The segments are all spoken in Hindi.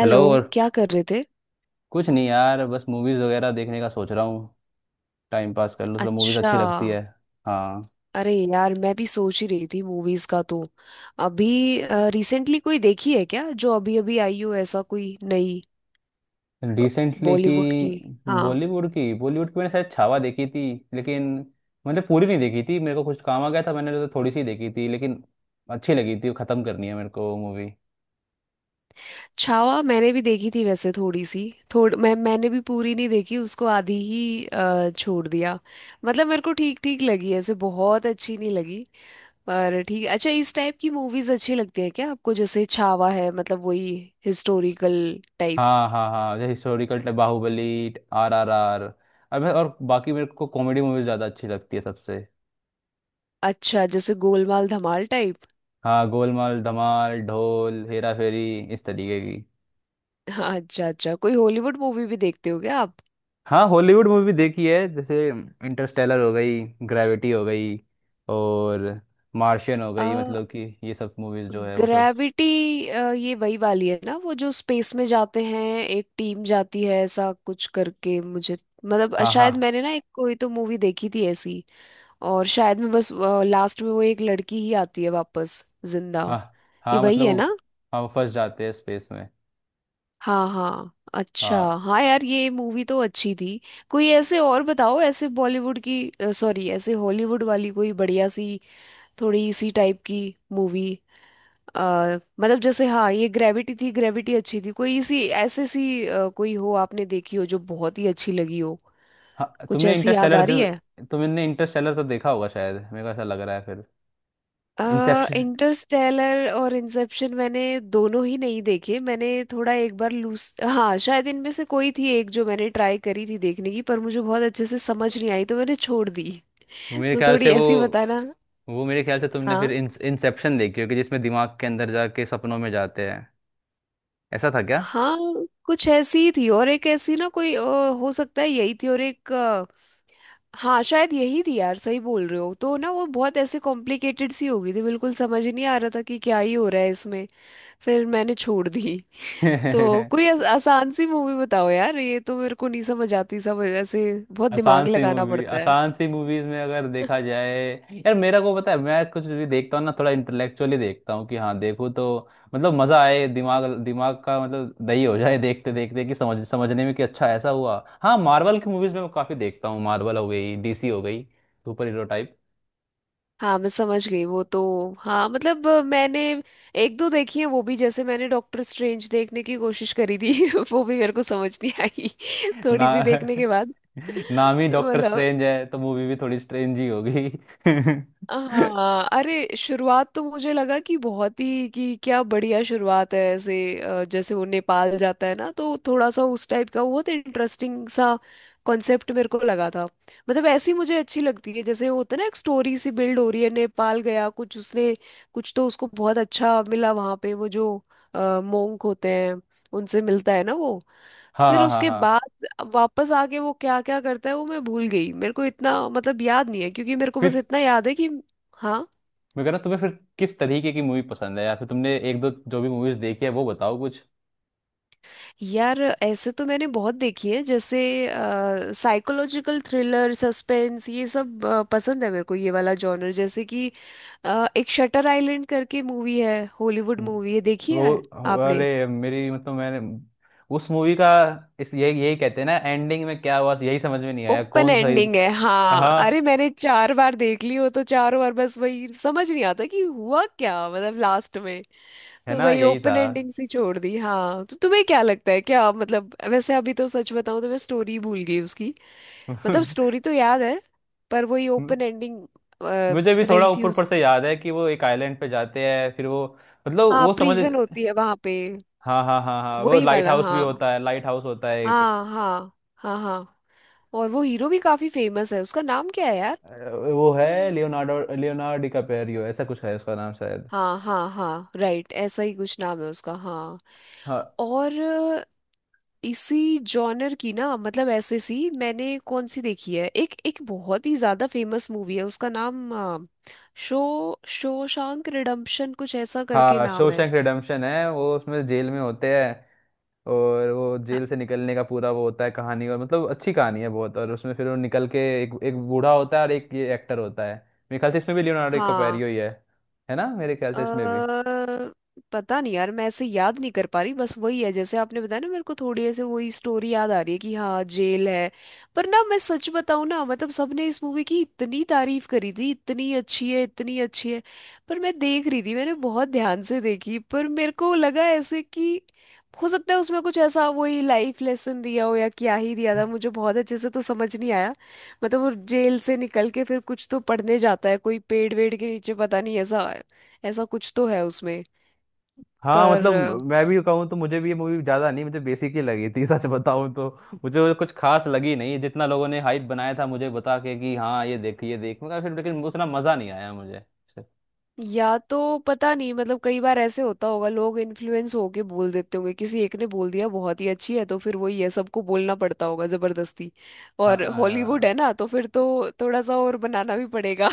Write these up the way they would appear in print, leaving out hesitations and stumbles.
हेलो। और क्या कर रहे थे? कुछ नहीं यार, बस मूवीज़ वगैरह देखने का सोच रहा हूँ। टाइम पास कर लूँ थोड़ा, मूवीज़ अच्छा। अच्छी लगती है। हाँ। अरे यार, मैं भी सोच ही रही थी मूवीज का। तो अभी रिसेंटली कोई देखी है क्या, जो अभी अभी आई हो, ऐसा कोई नई? रिसेंटली की? बॉलीवुड की। हाँ। बॉलीवुड की, बॉलीवुड की मैंने शायद छावा देखी थी। लेकिन मैंने पूरी नहीं देखी थी, मेरे को कुछ काम आ गया था। मैंने तो थोड़ी सी देखी थी, लेकिन अच्छी लगी थी। वो ख़त्म करनी है मेरे को, मूवी। छावा मैंने भी देखी थी वैसे, थोड़ी सी। थोड़ मैं मैंने भी पूरी नहीं देखी उसको, आधी ही छोड़ दिया। मतलब मेरे को ठीक ठीक लगी ऐसे, बहुत अच्छी नहीं लगी। पर ठीक। अच्छा, इस टाइप की मूवीज अच्छी लगती है क्या आपको? जैसे छावा है, मतलब वही हिस्टोरिकल टाइप। हाँ, हाँ, हाँ, जैसे हिस्टोरिकल टाइप बाहुबली, RRR, और और बाकी मेरे को कॉमेडी मूवीज ज़्यादा अच्छी लगती है सबसे। अच्छा, जैसे गोलमाल धमाल टाइप। हाँ, गोलमाल, धमाल, ढोल, हेरा फेरी, इस तरीके की। हाँ। अच्छा अच्छा, कोई हॉलीवुड मूवी भी देखते हो क्या आप? हाँ, हॉलीवुड मूवी देखी है। जैसे इंटरस्टेलर हो गई, ग्रेविटी हो गई, और मार्शियन हो आ, गई। मतलब कि ये सब मूवीज जो है वो सब। ग्रेविटी। ये वही वाली है ना, वो जो स्पेस में जाते हैं, एक टीम जाती है ऐसा कुछ करके मुझे। मतलब हाँ, हाँ, शायद मैंने ना एक कोई तो मूवी देखी थी ऐसी। और शायद में बस लास्ट में वो एक लड़की ही आती है वापस, जिंदा। हाँ, ये हाँ, वही मतलब है वो ना। हम फंस जाते हैं स्पेस में। हाँ हाँ, अच्छा, हाँ। हाँ यार, ये मूवी तो अच्छी थी। कोई ऐसे और बताओ ऐसे बॉलीवुड की, सॉरी ऐसे हॉलीवुड वाली, कोई बढ़िया सी, थोड़ी इसी टाइप की मूवी। मतलब जैसे, हाँ ये ग्रेविटी थी, ग्रेविटी अच्छी थी। कोई इसी ऐसे सी कोई हो आपने देखी हो जो बहुत ही अच्छी लगी हो। हाँ। कुछ ऐसी याद आ रही है। तुमने इंटरस्टेलर तो देखा होगा शायद, मेरे को ऐसा लग रहा है फिर। इंसेप्शन। इंटरस्टेलर और इंसेप्शन, मैंने दोनों ही नहीं देखे। मैंने थोड़ा एक बार लूस, हाँ शायद इनमें से कोई थी एक, जो मैंने ट्राई करी थी देखने की, पर मुझे बहुत अच्छे से समझ नहीं आई तो मैंने छोड़ दी। मेरे तो ख्याल थोड़ी से ऐसी बताना। वो मेरे ख्याल से तुमने फिर हाँ इंसेप्शन देखी होगी, जिसमें दिमाग के अंदर जाके सपनों में जाते हैं। ऐसा था क्या? हाँ। कुछ ऐसी ही थी। और एक ऐसी ना कोई हो सकता है यही थी। और एक हाँ शायद यही थी यार, सही बोल रहे हो। तो ना वो बहुत ऐसे कॉम्प्लिकेटेड सी हो गई थी, बिल्कुल समझ ही नहीं आ रहा था कि क्या ही हो रहा है इसमें। फिर मैंने छोड़ दी। तो कोई आसान सी मूवी बताओ यार, ये तो मेरे को नहीं समझ आती सब ऐसे, बहुत दिमाग आसान सी लगाना मूवी, पड़ता है। आसान सी मूवीज में अगर देखा जाए। यार, मेरा को पता है, मैं कुछ भी देखता हूँ ना, थोड़ा इंटेलेक्चुअली देखता हूँ कि हाँ देखो तो। मतलब मजा आए, दिमाग दिमाग का मतलब दही हो जाए देखते देखते, कि समझ समझने में कि अच्छा ऐसा हुआ। हाँ, मार्वल की मूवीज में मैं काफी देखता हूँ। मार्वल हो गई, डीसी हो गई, सुपर हीरो टाइप। हाँ मैं समझ गई वो तो। हाँ मतलब मैंने एक दो देखी है वो भी। जैसे मैंने डॉक्टर स्ट्रेंज देखने की कोशिश करी थी, वो भी मेरे को समझ नहीं आई ना, थोड़ी सी देखने के बाद। नाम ही डॉक्टर मतलब, स्ट्रेंज है तो मूवी भी थोड़ी स्ट्रेंज ही होगी। हाँ अरे शुरुआत तो मुझे लगा कि बहुत ही, कि क्या बढ़िया शुरुआत है ऐसे। जैसे वो नेपाल जाता है ना, तो थोड़ा सा उस टाइप का बहुत इंटरेस्टिंग सा कॉन्सेप्ट मेरे को लगा था। मतलब ऐसी मुझे अच्छी लगती है, जैसे होता है ना एक स्टोरी सी बिल्ड हो रही है, नेपाल गया, कुछ उसने कुछ तो उसको बहुत अच्छा मिला वहाँ पे, वो जो मोंक होते हैं, उनसे मिलता है ना वो। हाँ, फिर हाँ, हाँ, उसके हाँ। बाद वापस आके वो क्या क्या करता है वो मैं भूल गई, मेरे को इतना मतलब याद नहीं है, क्योंकि मेरे को बस इतना याद है कि। हाँ। मैं कह रहा तुम्हें फिर, किस तरीके की मूवी पसंद है, या फिर तुमने एक दो जो भी मूवीज देखी है वो बताओ कुछ। यार ऐसे तो मैंने बहुत देखी है। जैसे साइकोलॉजिकल थ्रिलर सस्पेंस, ये सब पसंद है मेरे को, ये वाला जॉनर। जैसे कि एक शटर आइलैंड करके मूवी है, हॉलीवुड मूवी है, देखी वो, है आपने? अरे मेरी मतलब मैंने उस मूवी का, इस यही यही कहते हैं ना, एंडिंग में क्या हुआ यही समझ में नहीं आया, ओपन कौन सही। एंडिंग है हाँ। हाँ, अरे मैंने चार बार देख ली वो तो, चारों बार बस वही समझ नहीं आता कि हुआ क्या मतलब लास्ट में। है तो ना वही यही था। ओपन एंडिंग सी छोड़ दी। हाँ तो तुम्हें क्या लगता है क्या मतलब? वैसे अभी तो सच बताऊं तो मैं स्टोरी भूल गई उसकी। मतलब स्टोरी तो याद है, पर वही ओपन एंडिंग मुझे भी थोड़ा रही थी ऊपर ऊपर उस। से याद है कि वो एक आइलैंड पे जाते हैं, फिर वो, मतलब हाँ, वो समझ। प्रिजन होती है वहां पे। हाँ, हाँ, हाँ, हाँ, वो वही लाइट वाला, हाउस भी हाँ होता है, लाइट हाउस होता है एक। हाँ। हाँ हाँ। हाँ, और वो हीरो भी काफी फेमस है, उसका नाम क्या है? यार, अ, वो है लियोनार्डो, लियोनार्डो डिकापेरियो ऐसा कुछ है उसका नाम शायद। हाँ हाँ हाँ, राइट, ऐसा ही कुछ नाम है उसका। हाँ। हाँ। और इसी जॉनर की ना, मतलब ऐसे सी मैंने कौन सी देखी है, एक एक बहुत ही ज्यादा फेमस मूवी है, उसका नाम शो शोशांक रिडेम्पशन कुछ ऐसा करके हाँ, नाम है। शोशैंक रिडेम्पशन है वो, उसमें जेल में होते हैं। और वो जेल से निकलने का पूरा वो होता है कहानी। और मतलब अच्छी कहानी है बहुत। और उसमें फिर वो निकल के एक एक बूढ़ा होता है और एक ये एक्टर होता है। मेरे ख्याल से इसमें भी लियोनार्डो हाँ। डिकैप्रियो ही है। है ना, मेरे ख्याल से इसमें भी। अ, पता नहीं यार, मैं ऐसे याद नहीं कर पा रही, बस वही है जैसे आपने बताया ना, मेरे को थोड़ी ऐसे वही स्टोरी याद आ रही है कि हाँ जेल है। पर ना मैं सच बताऊं ना, मतलब सबने इस मूवी की इतनी तारीफ करी थी, इतनी अच्छी है इतनी अच्छी है। पर मैं देख रही थी, मैंने बहुत ध्यान से देखी, पर मेरे को लगा ऐसे कि हो सकता है उसमें कुछ ऐसा, वही लाइफ लेसन दिया हो या क्या ही दिया था, मुझे बहुत अच्छे से तो समझ नहीं आया। मतलब वो जेल से निकल के फिर कुछ तो पढ़ने जाता है कोई पेड़ वेड़ के नीचे, पता नहीं, ऐसा ऐसा कुछ तो है उसमें। हाँ पर मतलब, मैं भी कहूँ तो मुझे भी ये मूवी ज़्यादा नहीं, मुझे बेसिक ही लगी थी। सच बताऊँ तो मुझे वो कुछ खास लगी नहीं जितना लोगों ने हाइप बनाया था। मुझे बता के कि हाँ ये देख ये देख, मैं कहा, फिर लेकिन उतना मज़ा नहीं आया मुझे। या तो पता नहीं, मतलब कई बार ऐसे होता होगा, लोग इन्फ्लुएंस होके बोल देते होंगे। किसी एक ने बोल दिया बहुत ही अच्छी है, तो फिर वही है, सबको बोलना पड़ता होगा जबरदस्ती। और हॉलीवुड हाँ, है ना, तो फिर तो थोड़ा सा और बनाना भी पड़ेगा।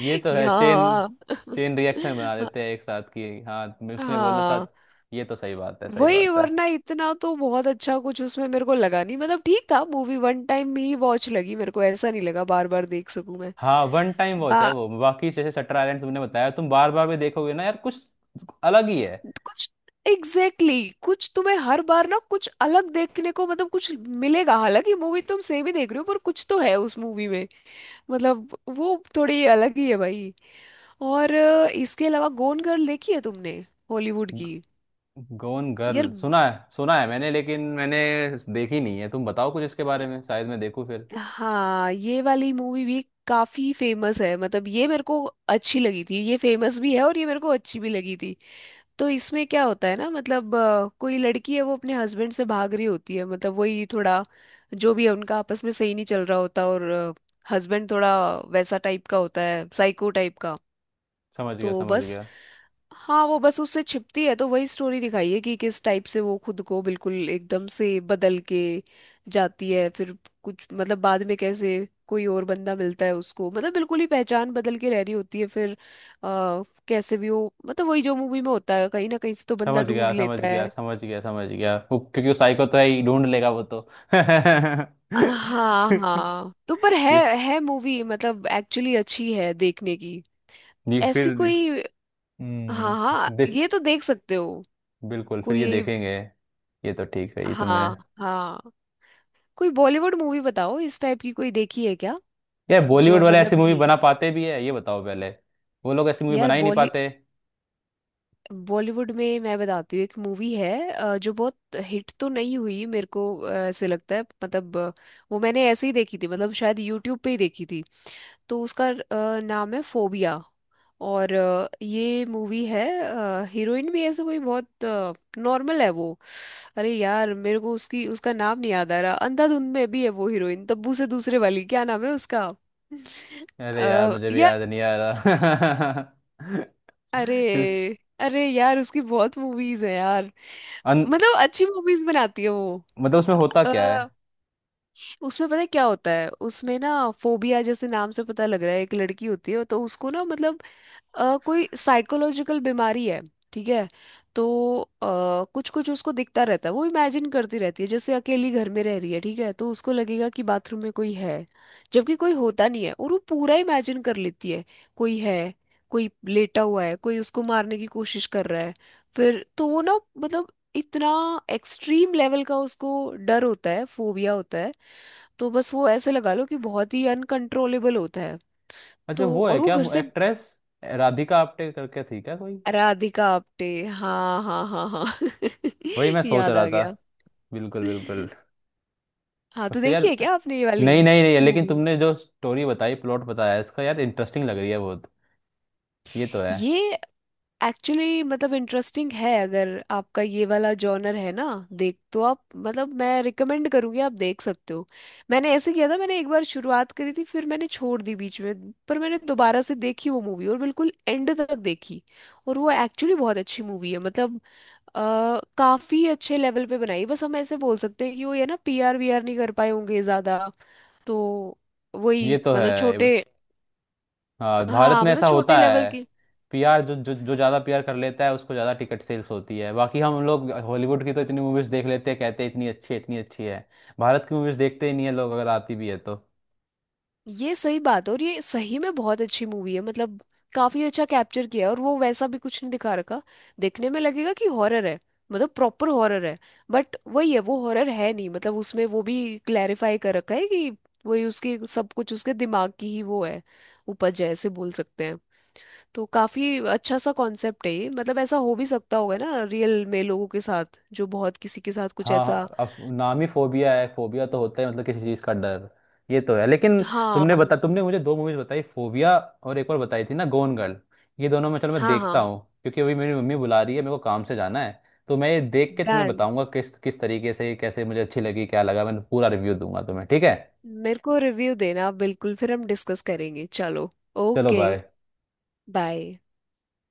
ये तो कि है। चेन हाँ। चेन रिएक्शन बना हाँ देते हैं एक साथ की, हाँ उसने बोला था। हाँ, ये तो सही बात है, सही वही बात है। वरना इतना तो बहुत अच्छा कुछ उसमें मेरे को लगा नहीं। मतलब ठीक था, मूवी वन टाइम ही वॉच लगी मेरे को, ऐसा नहीं लगा बार बार देख सकूं मैं। हाँ, वन टाइम वॉच है वो। बाकी जैसे शटर आइलैंड तुमने बताया, तुम बार बार भी देखोगे ना यार, कुछ अलग ही है। कुछ। एग्जैक्टली exactly, कुछ तुम्हें हर बार ना कुछ अलग देखने को मतलब कुछ मिलेगा, हालांकि मूवी तुम सेम ही देख रहे हो, पर कुछ तो है उस मूवी में। मतलब वो थोड़ी अलग ही है भाई। और इसके अलावा गोन गर्ल देखी है तुमने? हॉलीवुड की। गोन यार। गर्ल सुना है, सुना है मैंने, लेकिन मैंने देखी नहीं है। तुम बताओ कुछ इसके बारे में, शायद मैं देखूं फिर। हाँ, ये वाली मूवी भी काफी फेमस है, मतलब ये मेरे को अच्छी लगी थी, ये फेमस भी है और ये मेरे को अच्छी भी लगी थी। तो इसमें क्या होता है ना, मतलब कोई लड़की है, वो अपने हस्बैंड से भाग रही होती है, मतलब वही थोड़ा जो भी है उनका आपस में सही नहीं चल रहा होता, और हस्बैंड थोड़ा वैसा टाइप का होता है, साइको टाइप का। समझ गया, तो समझ बस। गया, हाँ वो बस उससे छिपती है, तो वही स्टोरी दिखाई है कि किस टाइप से वो खुद को बिल्कुल एकदम से बदल के जाती है। फिर कुछ मतलब बाद में कैसे कोई और बंदा मिलता है उसको, मतलब बिल्कुल ही पहचान बदल के रह रही होती है फिर। आ, कैसे भी हो, मतलब वही जो मूवी में होता है कहीं ना कहीं से तो बंदा समझ ढूंढ गया, समझ लेता गया, है। समझ गया, समझ गया, वो क्योंकि वो साइको तो है ही, ढूंढ लेगा वो तो। हाँ ये। हाँ, तो पर है मूवी मतलब एक्चुअली अच्छी है देखने की, ये ऐसी फिर। कोई। हम्म। हाँ हाँ, ये तो देख सकते हो बिल्कुल, फिर ये कोई। देखेंगे। ये तो ठीक है। ये तुमने। हाँ हाँ, कोई बॉलीवुड मूवी बताओ इस टाइप की, कोई देखी है क्या? यार बॉलीवुड जो वाले ऐसी मतलब मूवी यही। बना पाते भी है? ये बताओ पहले। वो लोग ऐसी मूवी यार बना ही नहीं पाते। बॉलीवुड में मैं बताती हूँ एक मूवी है, जो बहुत हिट तो नहीं हुई मेरे को, ऐसे लगता है मतलब वो मैंने ऐसे ही देखी थी, मतलब शायद यूट्यूब पे ही देखी थी। तो उसका नाम है फोबिया। और ये मूवी है, हीरोइन भी ऐसे कोई बहुत नॉर्मल है वो। अरे यार, मेरे को उसकी उसका नाम नहीं याद आ रहा। अंधाधुंध में भी है वो हीरोइन, तब्बू से दूसरे वाली, क्या नाम है उसका? अरे यार, अ, मुझे भी यार। याद नहीं आ रहा। अरे तो, अरे यार, उसकी बहुत मूवीज है यार, अन, मतलब अच्छी मूवीज बनाती है वो। मतलब उसमें होता अ, क्या है? उसमें पता है क्या होता है, उसमें ना फोबिया जैसे नाम से पता लग रहा है, एक लड़की होती है, तो उसको ना मतलब कोई साइकोलॉजिकल बीमारी है, ठीक है। तो कुछ कुछ उसको दिखता रहता है, वो इमेजिन करती रहती है, जैसे अकेली घर में रह रही है ठीक है, तो उसको लगेगा कि बाथरूम में कोई है, जबकि कोई होता नहीं है, और वो पूरा इमेजिन कर लेती है, कोई है, कोई लेटा हुआ है, कोई उसको मारने की कोशिश कर रहा है। फिर तो वो ना, मतलब इतना एक्सट्रीम लेवल का उसको डर होता है, फोबिया होता है, तो बस वो ऐसे लगा लो कि बहुत ही अनकंट्रोलेबल होता है। अच्छा, तो वो है और वो क्या घर से। एक्ट्रेस? राधिका आप्टे करके थी क्या कोई? राधिका आप्टे, हाँ हाँ हाँ हाँ। वही मैं सोच याद रहा आ था। गया। बिल्कुल, बिल्कुल। हाँ, तो मतलब यार, देखिए क्या आपने ये वाली नहीं नहीं नहीं, लेकिन मूवी। तुमने जो स्टोरी बताई प्लॉट बताया इसका, यार इंटरेस्टिंग लग रही है बहुत। ये तो है। ये एक्चुअली मतलब इंटरेस्टिंग है, अगर आपका ये वाला जॉनर है ना। देख तो आप, मतलब मैं रिकमेंड करूँगी, आप देख सकते हो। मैंने ऐसे किया था, मैंने एक बार शुरुआत करी थी फिर मैंने छोड़ दी बीच में, पर मैंने दोबारा से देखी वो मूवी और बिल्कुल एंड तक देखी। और वो एक्चुअली बहुत अच्छी मूवी है, मतलब काफी अच्छे लेवल पे बनाई। बस हम ऐसे बोल सकते हैं कि वो ये ना पीआर वीआर नहीं कर पाए होंगे ज्यादा, तो वही ये तो मतलब है। छोटे। हाँ, भारत हाँ में मतलब ऐसा छोटे होता लेवल है। की। पीआर, जो जो जो ज़्यादा पीआर कर लेता है उसको ज़्यादा टिकट सेल्स होती है। बाकी हम लोग हॉलीवुड की तो इतनी मूवीज़ देख लेते हैं, कहते हैं इतनी अच्छी है, इतनी अच्छी है। भारत की मूवीज़ देखते ही नहीं है लोग, अगर आती भी है तो। ये सही बात है, और ये सही में बहुत अच्छी मूवी है, मतलब काफी अच्छा कैप्चर किया है, और वो वैसा भी कुछ नहीं दिखा रखा, देखने में लगेगा कि हॉरर है, मतलब प्रॉपर हॉरर है। बट वही है, वो हॉरर है नहीं, मतलब उसमें वो भी क्लैरिफाई कर रखा है कि वही उसकी सब कुछ उसके दिमाग की ही वो है, उपज है ऐसे बोल सकते हैं। तो काफी अच्छा सा कॉन्सेप्ट है ये, मतलब ऐसा हो भी सकता होगा ना रियल में लोगों के साथ जो बहुत किसी के साथ कुछ हाँ, ऐसा। हाँ, अब नाम ही फोबिया है। फोबिया तो होता है मतलब किसी चीज का डर। ये तो है लेकिन। हाँ तुमने मुझे दो मूवीज बताई, फोबिया और एक और बताई थी ना, गोन गर्ल। ये दोनों मैं, चलो मैं हाँ देखता हाँ। हूँ, क्योंकि अभी मेरी मम्मी बुला रही है, मेरे को काम से जाना है। तो मैं ये देख के तुम्हें डन। बताऊंगा किस किस तरीके से कैसे मुझे अच्छी लगी, क्या लगा। मैं पूरा रिव्यू दूंगा तुम्हें, ठीक है? मेरे को रिव्यू देना बिल्कुल, फिर हम डिस्कस करेंगे। चलो, चलो, ओके। बाय। बाय।